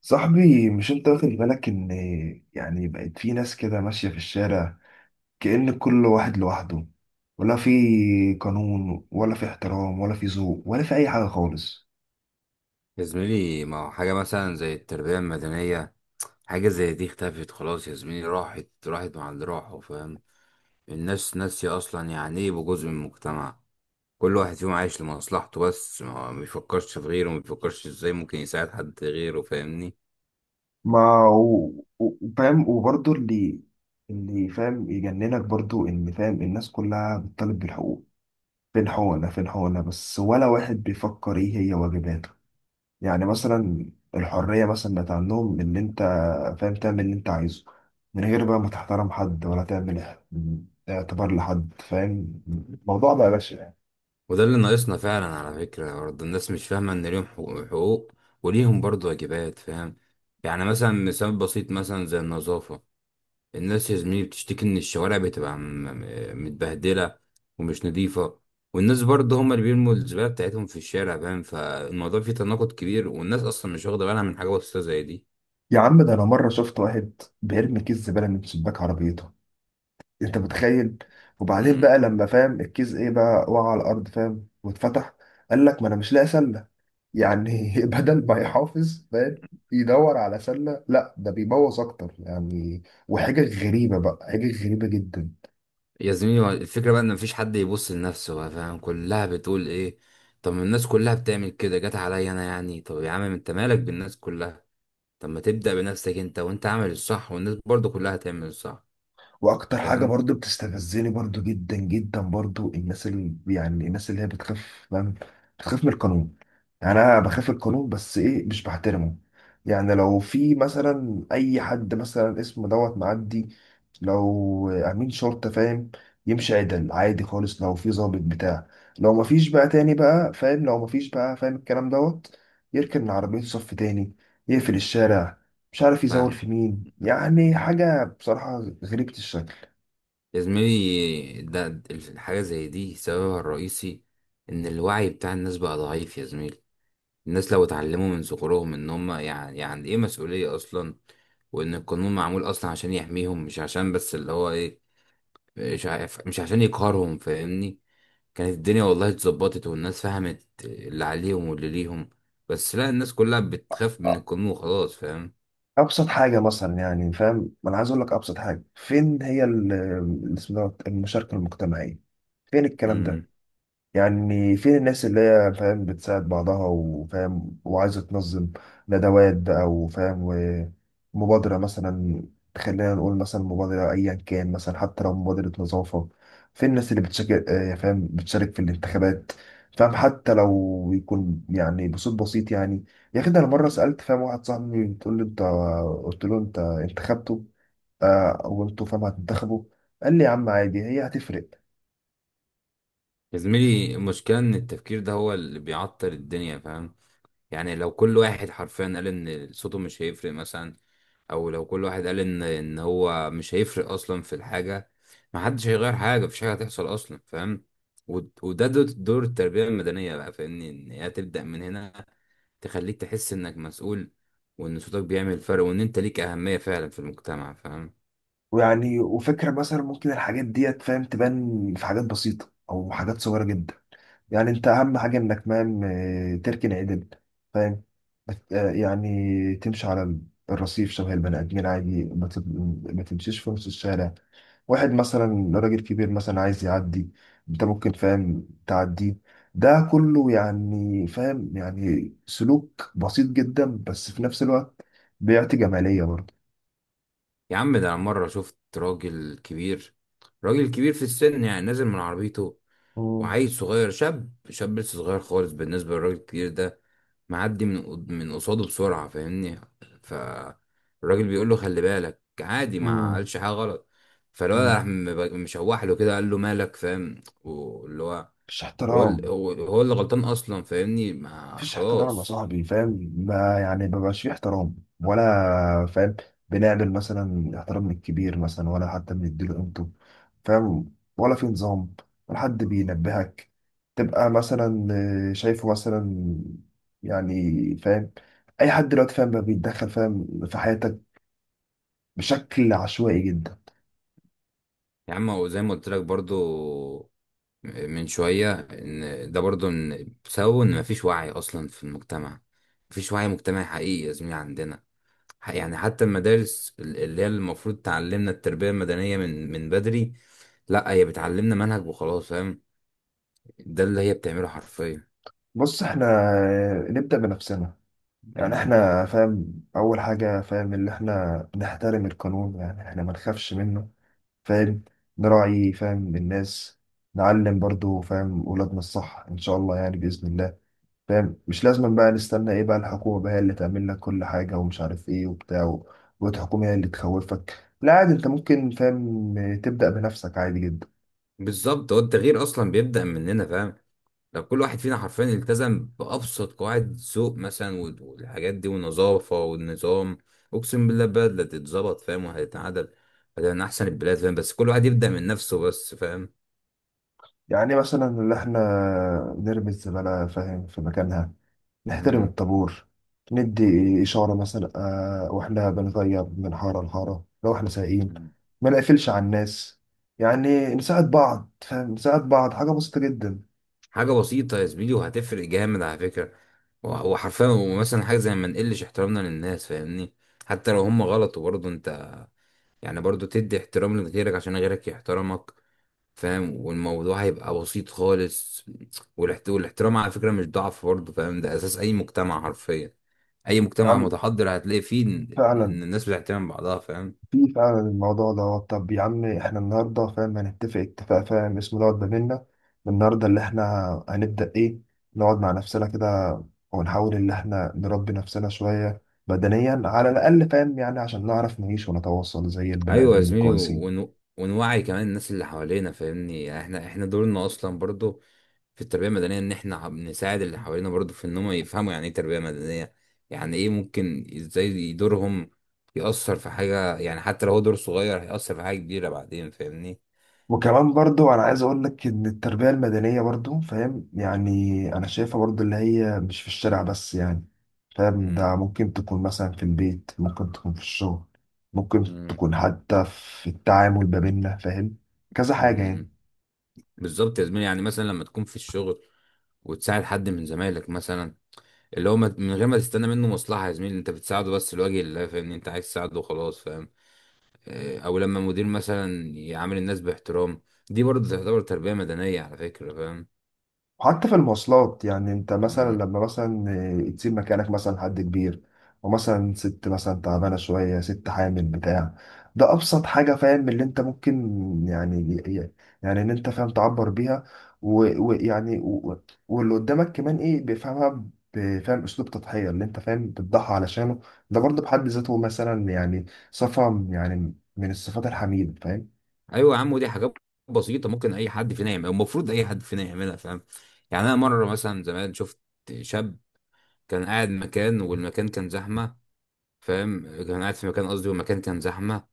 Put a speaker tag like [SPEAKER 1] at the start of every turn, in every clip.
[SPEAKER 1] صاحبي، مش انت واخد بالك ان يعني بقت في ناس كده ماشية في الشارع، كأن كل واحد لوحده، ولا في قانون ولا في احترام ولا في ذوق ولا في اي حاجة خالص.
[SPEAKER 2] يا زميلي، ما هو حاجة مثلا زي التربية المدنية. حاجة زي دي اختفت خلاص يا زميلي. راحت راحت مع اللي راحوا، فاهم؟ الناس ناسية أصلا يعني إيه يبقوا جزء من المجتمع. كل واحد فيهم عايش لمصلحته بس، ما بيفكرش في غيره، ما بيفكرش إزاي ممكن يساعد حد غيره، فاهمني؟
[SPEAKER 1] ما فاهم، وبرضه اللي فاهم يجننك، برضه ان فاهم الناس كلها بتطالب بالحقوق. فين حقوقنا، فين حقوقنا بس؟ ولا واحد بيفكر ايه هي واجباته. يعني مثلا الحرية مثلا بقت عندهم إن أنت فاهم تعمل اللي أنت عايزه، من غير بقى ما تحترم حد ولا تعمل اعتبار لحد، فاهم؟ الموضوع بقى بشع يعني.
[SPEAKER 2] وده اللي ناقصنا فعلا على فكرة. برضه الناس مش فاهمة إن ليهم حقوق حقوق، وليهم برضه واجبات، فاهم؟ يعني مثلا، مثال بسيط مثلا زي النظافة. الناس يا زميلي بتشتكي ان الشوارع بتبقى متبهدله ومش نظيفه، والناس برضه هم اللي بيرموا الزباله بتاعتهم في الشارع، فاهم؟ فالموضوع فيه تناقض كبير، والناس اصلا مش واخده بالها من حاجه بسيطه زي دي.
[SPEAKER 1] يا عم ده أنا مرة شفت واحد بيرمي كيس زبالة من شباك عربيته، أنت متخيل؟ وبعدين
[SPEAKER 2] امم
[SPEAKER 1] بقى لما فاهم الكيس إيه بقى وقع على الأرض فاهم واتفتح، قال لك ما أنا مش لاقي سلة. يعني بدل ما يحافظ فاهم يدور على سلة، لا ده بيبوظ أكتر يعني. وحاجة غريبة بقى، حاجة غريبة جدا.
[SPEAKER 2] يا زميلي، هو الفكرة بقى ان مفيش حد يبص لنفسه بقى، فاهم؟ كلها بتقول ايه، طب ما الناس كلها بتعمل كده جت عليا انا يعني. طب يا عم، انت مالك بالناس كلها؟ طب ما تبدأ بنفسك انت، وانت عامل الصح والناس برضو كلها هتعمل الصح.
[SPEAKER 1] واكتر حاجه
[SPEAKER 2] فاهم
[SPEAKER 1] برضو بتستفزني برضو جدا جدا، برضو الناس اللي يعني الناس اللي هي بتخاف. فاهم؟ بتخاف من القانون. يعني انا بخاف من القانون بس ايه، مش بحترمه. يعني لو في مثلا اي حد مثلا اسمه دوت معدي، لو امين شرطه فاهم، يمشي عدل عادي خالص. لو في ضابط بتاع، لو مفيش بقى تاني بقى فاهم، لو مفيش بقى فاهم الكلام دوت، يركن من عربيته صف تاني، يقفل الشارع، مش عارف يزول
[SPEAKER 2] فاهم.
[SPEAKER 1] في مين. يعني حاجة بصراحة غريبة الشكل.
[SPEAKER 2] يا زميلي، ده الحاجة زي دي سببها الرئيسي إن الوعي بتاع الناس بقى ضعيف يا زميلي. الناس لو اتعلموا من صغرهم إن هما يعني إيه مسؤولية أصلا، وإن القانون معمول أصلا عشان يحميهم، مش عشان بس اللي هو إيه، مش عارف، مش عشان يقهرهم، فاهمني؟ كانت الدنيا والله اتظبطت، والناس فهمت اللي عليهم واللي ليهم. بس لا، الناس كلها بتخاف من القانون وخلاص، فاهم؟
[SPEAKER 1] ابسط حاجه مثلا يعني فاهم، ما انا عايز اقول لك، ابسط حاجه فين هي اسمه دوت المشاركه المجتمعيه؟ فين الكلام ده؟
[SPEAKER 2] مم.
[SPEAKER 1] يعني فين الناس اللي هي فاهم بتساعد بعضها وفاهم وعايزة تنظم ندوات بقى وفاهم ومبادرة مثلا؟ خلينا نقول مثلا مبادرة أيا كان، مثلا حتى لو مبادرة نظافة. فين الناس اللي بتشارك، آه، فاهم بتشارك في الانتخابات، فاهم، حتى لو يكون يعني بصوت بسيط يعني. يا أخي ده أنا مرة
[SPEAKER 2] مم.
[SPEAKER 1] سألت فاهم واحد صاحبي، بتقول لي أنت، قلت له أنت انتخبته آه، وأنتوا فاهم هتنتخبوا، قال لي يا عم عادي هي هتفرق؟
[SPEAKER 2] يا زميلي، المشكلة إن التفكير ده هو اللي بيعطل الدنيا، فاهم؟ يعني لو كل واحد حرفيا قال ان صوته مش هيفرق مثلا، او لو كل واحد قال ان هو مش هيفرق اصلا في الحاجه، ما حدش هيغير حاجه، مفيش حاجه هتحصل اصلا، فاهم؟ وده دور التربيه المدنيه بقى، فاهمني؟ ان هي تبدا من هنا، تخليك تحس انك مسؤول، وان صوتك بيعمل فرق، وان انت ليك اهميه فعلا في المجتمع، فاهم؟
[SPEAKER 1] ويعني وفكرة مثلا ممكن الحاجات ديت فاهم تبان في حاجات بسيطة أو حاجات صغيرة جدا. يعني أنت أهم حاجة إنك فاهم، آه، تركن عدل فاهم. آه، يعني تمشي على الرصيف شبه البني آدمين عادي، ما تمشيش في نص الشارع. واحد مثلا راجل كبير مثلا عايز يعدي، أنت ممكن فاهم تعديه. ده كله يعني فاهم يعني سلوك بسيط جدا، بس في نفس الوقت بيعطي جمالية برضه.
[SPEAKER 2] يا عم، ده انا مره شفت راجل كبير، راجل كبير في السن يعني، نازل من عربيته.
[SPEAKER 1] مم.
[SPEAKER 2] وعيل صغير شاب شاب لسه صغير خالص بالنسبة للراجل الكبير ده، معدي من من قصاده بسرعة، فاهمني؟ فالراجل بيقول له خلي بالك، عادي، ما قالش حاجة غلط. فالولد
[SPEAKER 1] مم.
[SPEAKER 2] راح مشوح له كده، قال له مالك، فاهم؟ واللي هو
[SPEAKER 1] مفيش
[SPEAKER 2] هو ال-
[SPEAKER 1] احترام.
[SPEAKER 2] هو هو اللي غلطان أصلا، فاهمني؟ ما
[SPEAKER 1] مفيش احترام يا
[SPEAKER 2] خلاص.
[SPEAKER 1] صاحبي فاهم، ما يعني ما بقاش فيه احترام ولا فاهم. بنعمل مثلا احترام من الكبير مثلا، ولا حتى بنديله قيمته فاهم، ولا في نظام، ولا حد بينبهك. تبقى مثلا آه، شايفه مثلا يعني فاهم، اي حد دلوقتي فاهم بقى بيتدخل فاهم في حياتك بشكل عشوائي جدا.
[SPEAKER 2] يا عم، هو زي ما قلت لك برضو من شوية، إن ده برضو إن بسبب إن مفيش وعي أصلا في المجتمع. مفيش وعي مجتمعي حقيقي يا زميلي عندنا. يعني حتى المدارس اللي هي المفروض تعلمنا التربية المدنية من بدري، لا هي بتعلمنا منهج وخلاص، فاهم؟ ده اللي هي بتعمله حرفيا.
[SPEAKER 1] بص احنا آه، نبدأ بنفسنا. يعني
[SPEAKER 2] مم.
[SPEAKER 1] احنا فاهم اول حاجة فاهم اللي احنا نحترم القانون، يعني احنا ما نخافش منه فاهم. نراعي فاهم الناس. نعلم برضو فاهم ولادنا الصح ان شاء الله يعني بإذن الله. فاهم، مش لازم بقى نستنى ايه بقى الحكومة بقى هي اللي تعمل لك كل حاجة ومش عارف ايه وبتاع والحكومة هي اللي تخوفك. لا عادي، انت ممكن فاهم تبدأ بنفسك عادي جدا.
[SPEAKER 2] بالظبط، هو التغيير اصلا بيبدأ مننا، فاهم؟ لو كل واحد فينا حرفيا التزم بأبسط قواعد ذوق مثلا، والحاجات دي والنظافة والنظام، اقسم بالله البلد لا تتظبط، فاهم؟ وهتتعدل. فده من احسن البلاد، فاهم؟ بس كل واحد يبدأ من نفسه بس، فاهم؟
[SPEAKER 1] يعني مثلا اللي احنا نرمي الزبالة فاهم في مكانها، نحترم
[SPEAKER 2] مم.
[SPEAKER 1] الطابور، ندي إشارة مثلا آه وإحنا بنغير من حارة لحارة لو إحنا سايقين، ما نقفلش على الناس. يعني نساعد بعض فاهم نساعد بعض، حاجة بسيطة جدا.
[SPEAKER 2] حاجة بسيطة يا زميلي، وهتفرق جامد على فكرة. هو هو حرفيا، ومثلا حاجة زي ما نقلش احترامنا للناس، فاهمني؟ حتى لو هم غلط، وبرضه انت يعني برضه تدي احترام لغيرك عشان غيرك يحترمك، فاهم؟ والموضوع هيبقى بسيط خالص. والاحترام على فكرة مش ضعف برضه، فاهم؟ ده أساس أي مجتمع حرفيا. أي
[SPEAKER 1] يا
[SPEAKER 2] مجتمع
[SPEAKER 1] عم
[SPEAKER 2] متحضر هتلاقي فيه إن
[SPEAKER 1] فعلا،
[SPEAKER 2] إن الناس بتحترم بعضها، فاهم؟
[SPEAKER 1] في فعلا الموضوع ده. طب يا عم إحنا النهاردة فاهم هنتفق اتفاق فاهم اسمه دوت ما بينا، النهاردة اللي إحنا هنبدأ إيه؟ نقعد مع نفسنا كده ونحاول إن إحنا نربي نفسنا شوية بدنيا على الأقل فاهم، يعني عشان نعرف نعيش ونتواصل زي البني
[SPEAKER 2] أيوة يا
[SPEAKER 1] آدمين
[SPEAKER 2] زميلي،
[SPEAKER 1] الكويسين.
[SPEAKER 2] ونوعي كمان الناس اللي حوالينا، فاهمني؟ يعني احنا دورنا أصلا برضه في التربية المدنية، إن إحنا بنساعد اللي حوالينا برضه في إن هم يفهموا يعني إيه تربية مدنية، يعني إيه ممكن إزاي دورهم يأثر في حاجة. يعني حتى لو هو دور صغير هيأثر في حاجة كبيرة بعدين، فاهمني؟
[SPEAKER 1] وكمان برضو انا عايز اقول لك ان التربية المدنية برضو فاهم يعني، انا شايفها برضو اللي هي مش في الشارع بس يعني فاهم.
[SPEAKER 2] مم.
[SPEAKER 1] ده ممكن تكون مثلا في البيت، ممكن تكون في الشغل، ممكن
[SPEAKER 2] مم.
[SPEAKER 1] تكون حتى في التعامل ما بيننا فاهم. كذا حاجة يعني.
[SPEAKER 2] مم. بالظبط يا زميلي. يعني مثلا لما تكون في الشغل وتساعد حد من زمايلك مثلا، اللي هو من غير ما تستنى منه مصلحة يا زميلي، انت بتساعده بس لوجه الله، فاهمني؟ انت عايز تساعده وخلاص، فاهم؟ او لما مدير مثلا يعامل الناس باحترام، دي برضه تعتبر تربية مدنية على فكرة.
[SPEAKER 1] حتى في المواصلات يعني انت مثلا
[SPEAKER 2] فاهم.
[SPEAKER 1] لما مثلا آه، تسيب مكانك مثلا حد كبير، ومثلا ست مثلا تعبانة شوية، ست حامل بتاع. ده أبسط حاجة فاهم اللي انت ممكن يعني، يعني ان انت فاهم تعبر بيها ويعني واللي قدامك كمان ايه بيفهمها، بفهم اسلوب تضحية اللي انت فاهم بتضحي علشانه. ده برضه بحد ذاته مثلا يعني صفة، يعني من الصفات الحميدة فاهم.
[SPEAKER 2] ايوه يا عم، ودي حاجات بسيطه ممكن اي حد فينا يعملها، المفروض اي حد فينا يعملها، فاهم؟ يعني انا مره مثلا زمان شفت شاب كان قاعد مكان، والمكان كان زحمه، فاهم؟ كان قاعد في مكان قصدي، والمكان كان زحمه.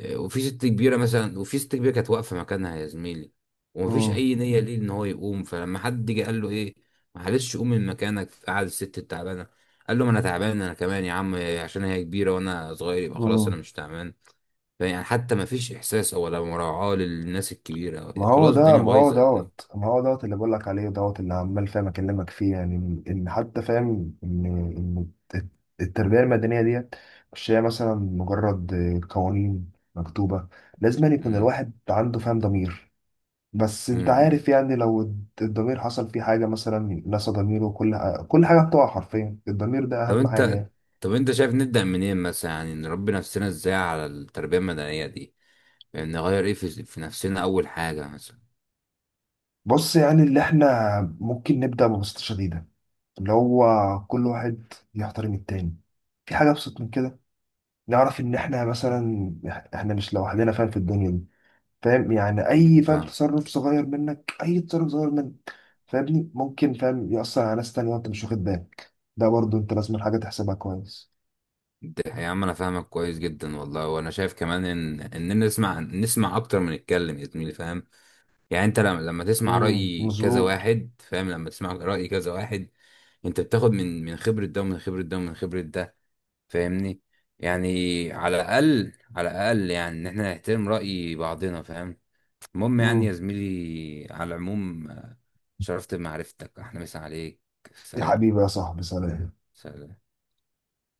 [SPEAKER 2] وفي ست كبيره كانت واقفه مكانها يا زميلي، ومفيش اي نيه ليه ان هو يقوم. فلما حد جه قال له ايه، معلش قوم من مكانك قعد الست التعبانه، قال له، ما انا تعبان انا كمان يا عم، عشان هي كبيره وانا صغير يبقى خلاص انا
[SPEAKER 1] مم.
[SPEAKER 2] مش تعبان. يعني حتى ما فيش احساس او ولا مراعاة للناس الكبيرة،
[SPEAKER 1] ما هو
[SPEAKER 2] خلاص
[SPEAKER 1] ده،
[SPEAKER 2] الدنيا
[SPEAKER 1] ما هو
[SPEAKER 2] بايظة يعني.
[SPEAKER 1] دوت، ما هو دوت اللي بقول لك عليه دوت اللي عمال فاهم اكلمك فيه يعني، ان حتى فاهم ان الت- التربيه المدنيه ديت مش هي مثلا مجرد قوانين مكتوبه. لازم أن يكون
[SPEAKER 2] مم.
[SPEAKER 1] الواحد عنده فاهم ضمير. بس انت
[SPEAKER 2] مم.
[SPEAKER 1] عارف يعني، لو الضمير حصل فيه حاجه مثلا، نسى ضميره، كل حاجه بتقع حرفيا. الضمير ده
[SPEAKER 2] طب
[SPEAKER 1] اهم حاجه
[SPEAKER 2] انت
[SPEAKER 1] يعني.
[SPEAKER 2] طب انت شايف نبدأ منين مثلا يعني، نربي نفسنا ازاي على التربية المدنية دي؟ يعني نغير ايه في نفسنا اول حاجة مثلا؟
[SPEAKER 1] بص، يعني اللي احنا ممكن نبدا ببساطه شديده، اللي هو كل واحد يحترم التاني. في حاجه ابسط من كده؟ نعرف ان احنا مثلا، احنا مش لوحدنا فاهم في الدنيا دي. فاهم يعني
[SPEAKER 2] مم.
[SPEAKER 1] اي فاهم
[SPEAKER 2] فاهم.
[SPEAKER 1] تصرف صغير منك، اي تصرف صغير منك فاهمني ممكن فاهم يأثر على ناس تانية وانت مش واخد بالك، ده برضو انت لازم حاجة تحسبها كويس.
[SPEAKER 2] ده يا عم انا فاهمك كويس جدا والله. وانا شايف كمان ان نسمع نسمع اكتر من نتكلم يا زميلي، فاهم؟ يعني انت لما تسمع رأي كذا
[SPEAKER 1] مظبوط.
[SPEAKER 2] واحد، فاهم؟ لما تسمع رأي كذا واحد، انت بتاخد من خبرة ده ومن خبرة ده ومن خبرة ده، فاهمني؟ يعني على الاقل، على الاقل يعني، ان احنا نحترم راي بعضنا، فاهم؟ المهم يعني يا
[SPEAKER 1] امم.
[SPEAKER 2] زميلي، على العموم، شرفت بمعرفتك. احنا مسا عليك.
[SPEAKER 1] يا
[SPEAKER 2] سلام.
[SPEAKER 1] حبيبي يا صاحبي سلام.
[SPEAKER 2] سلام.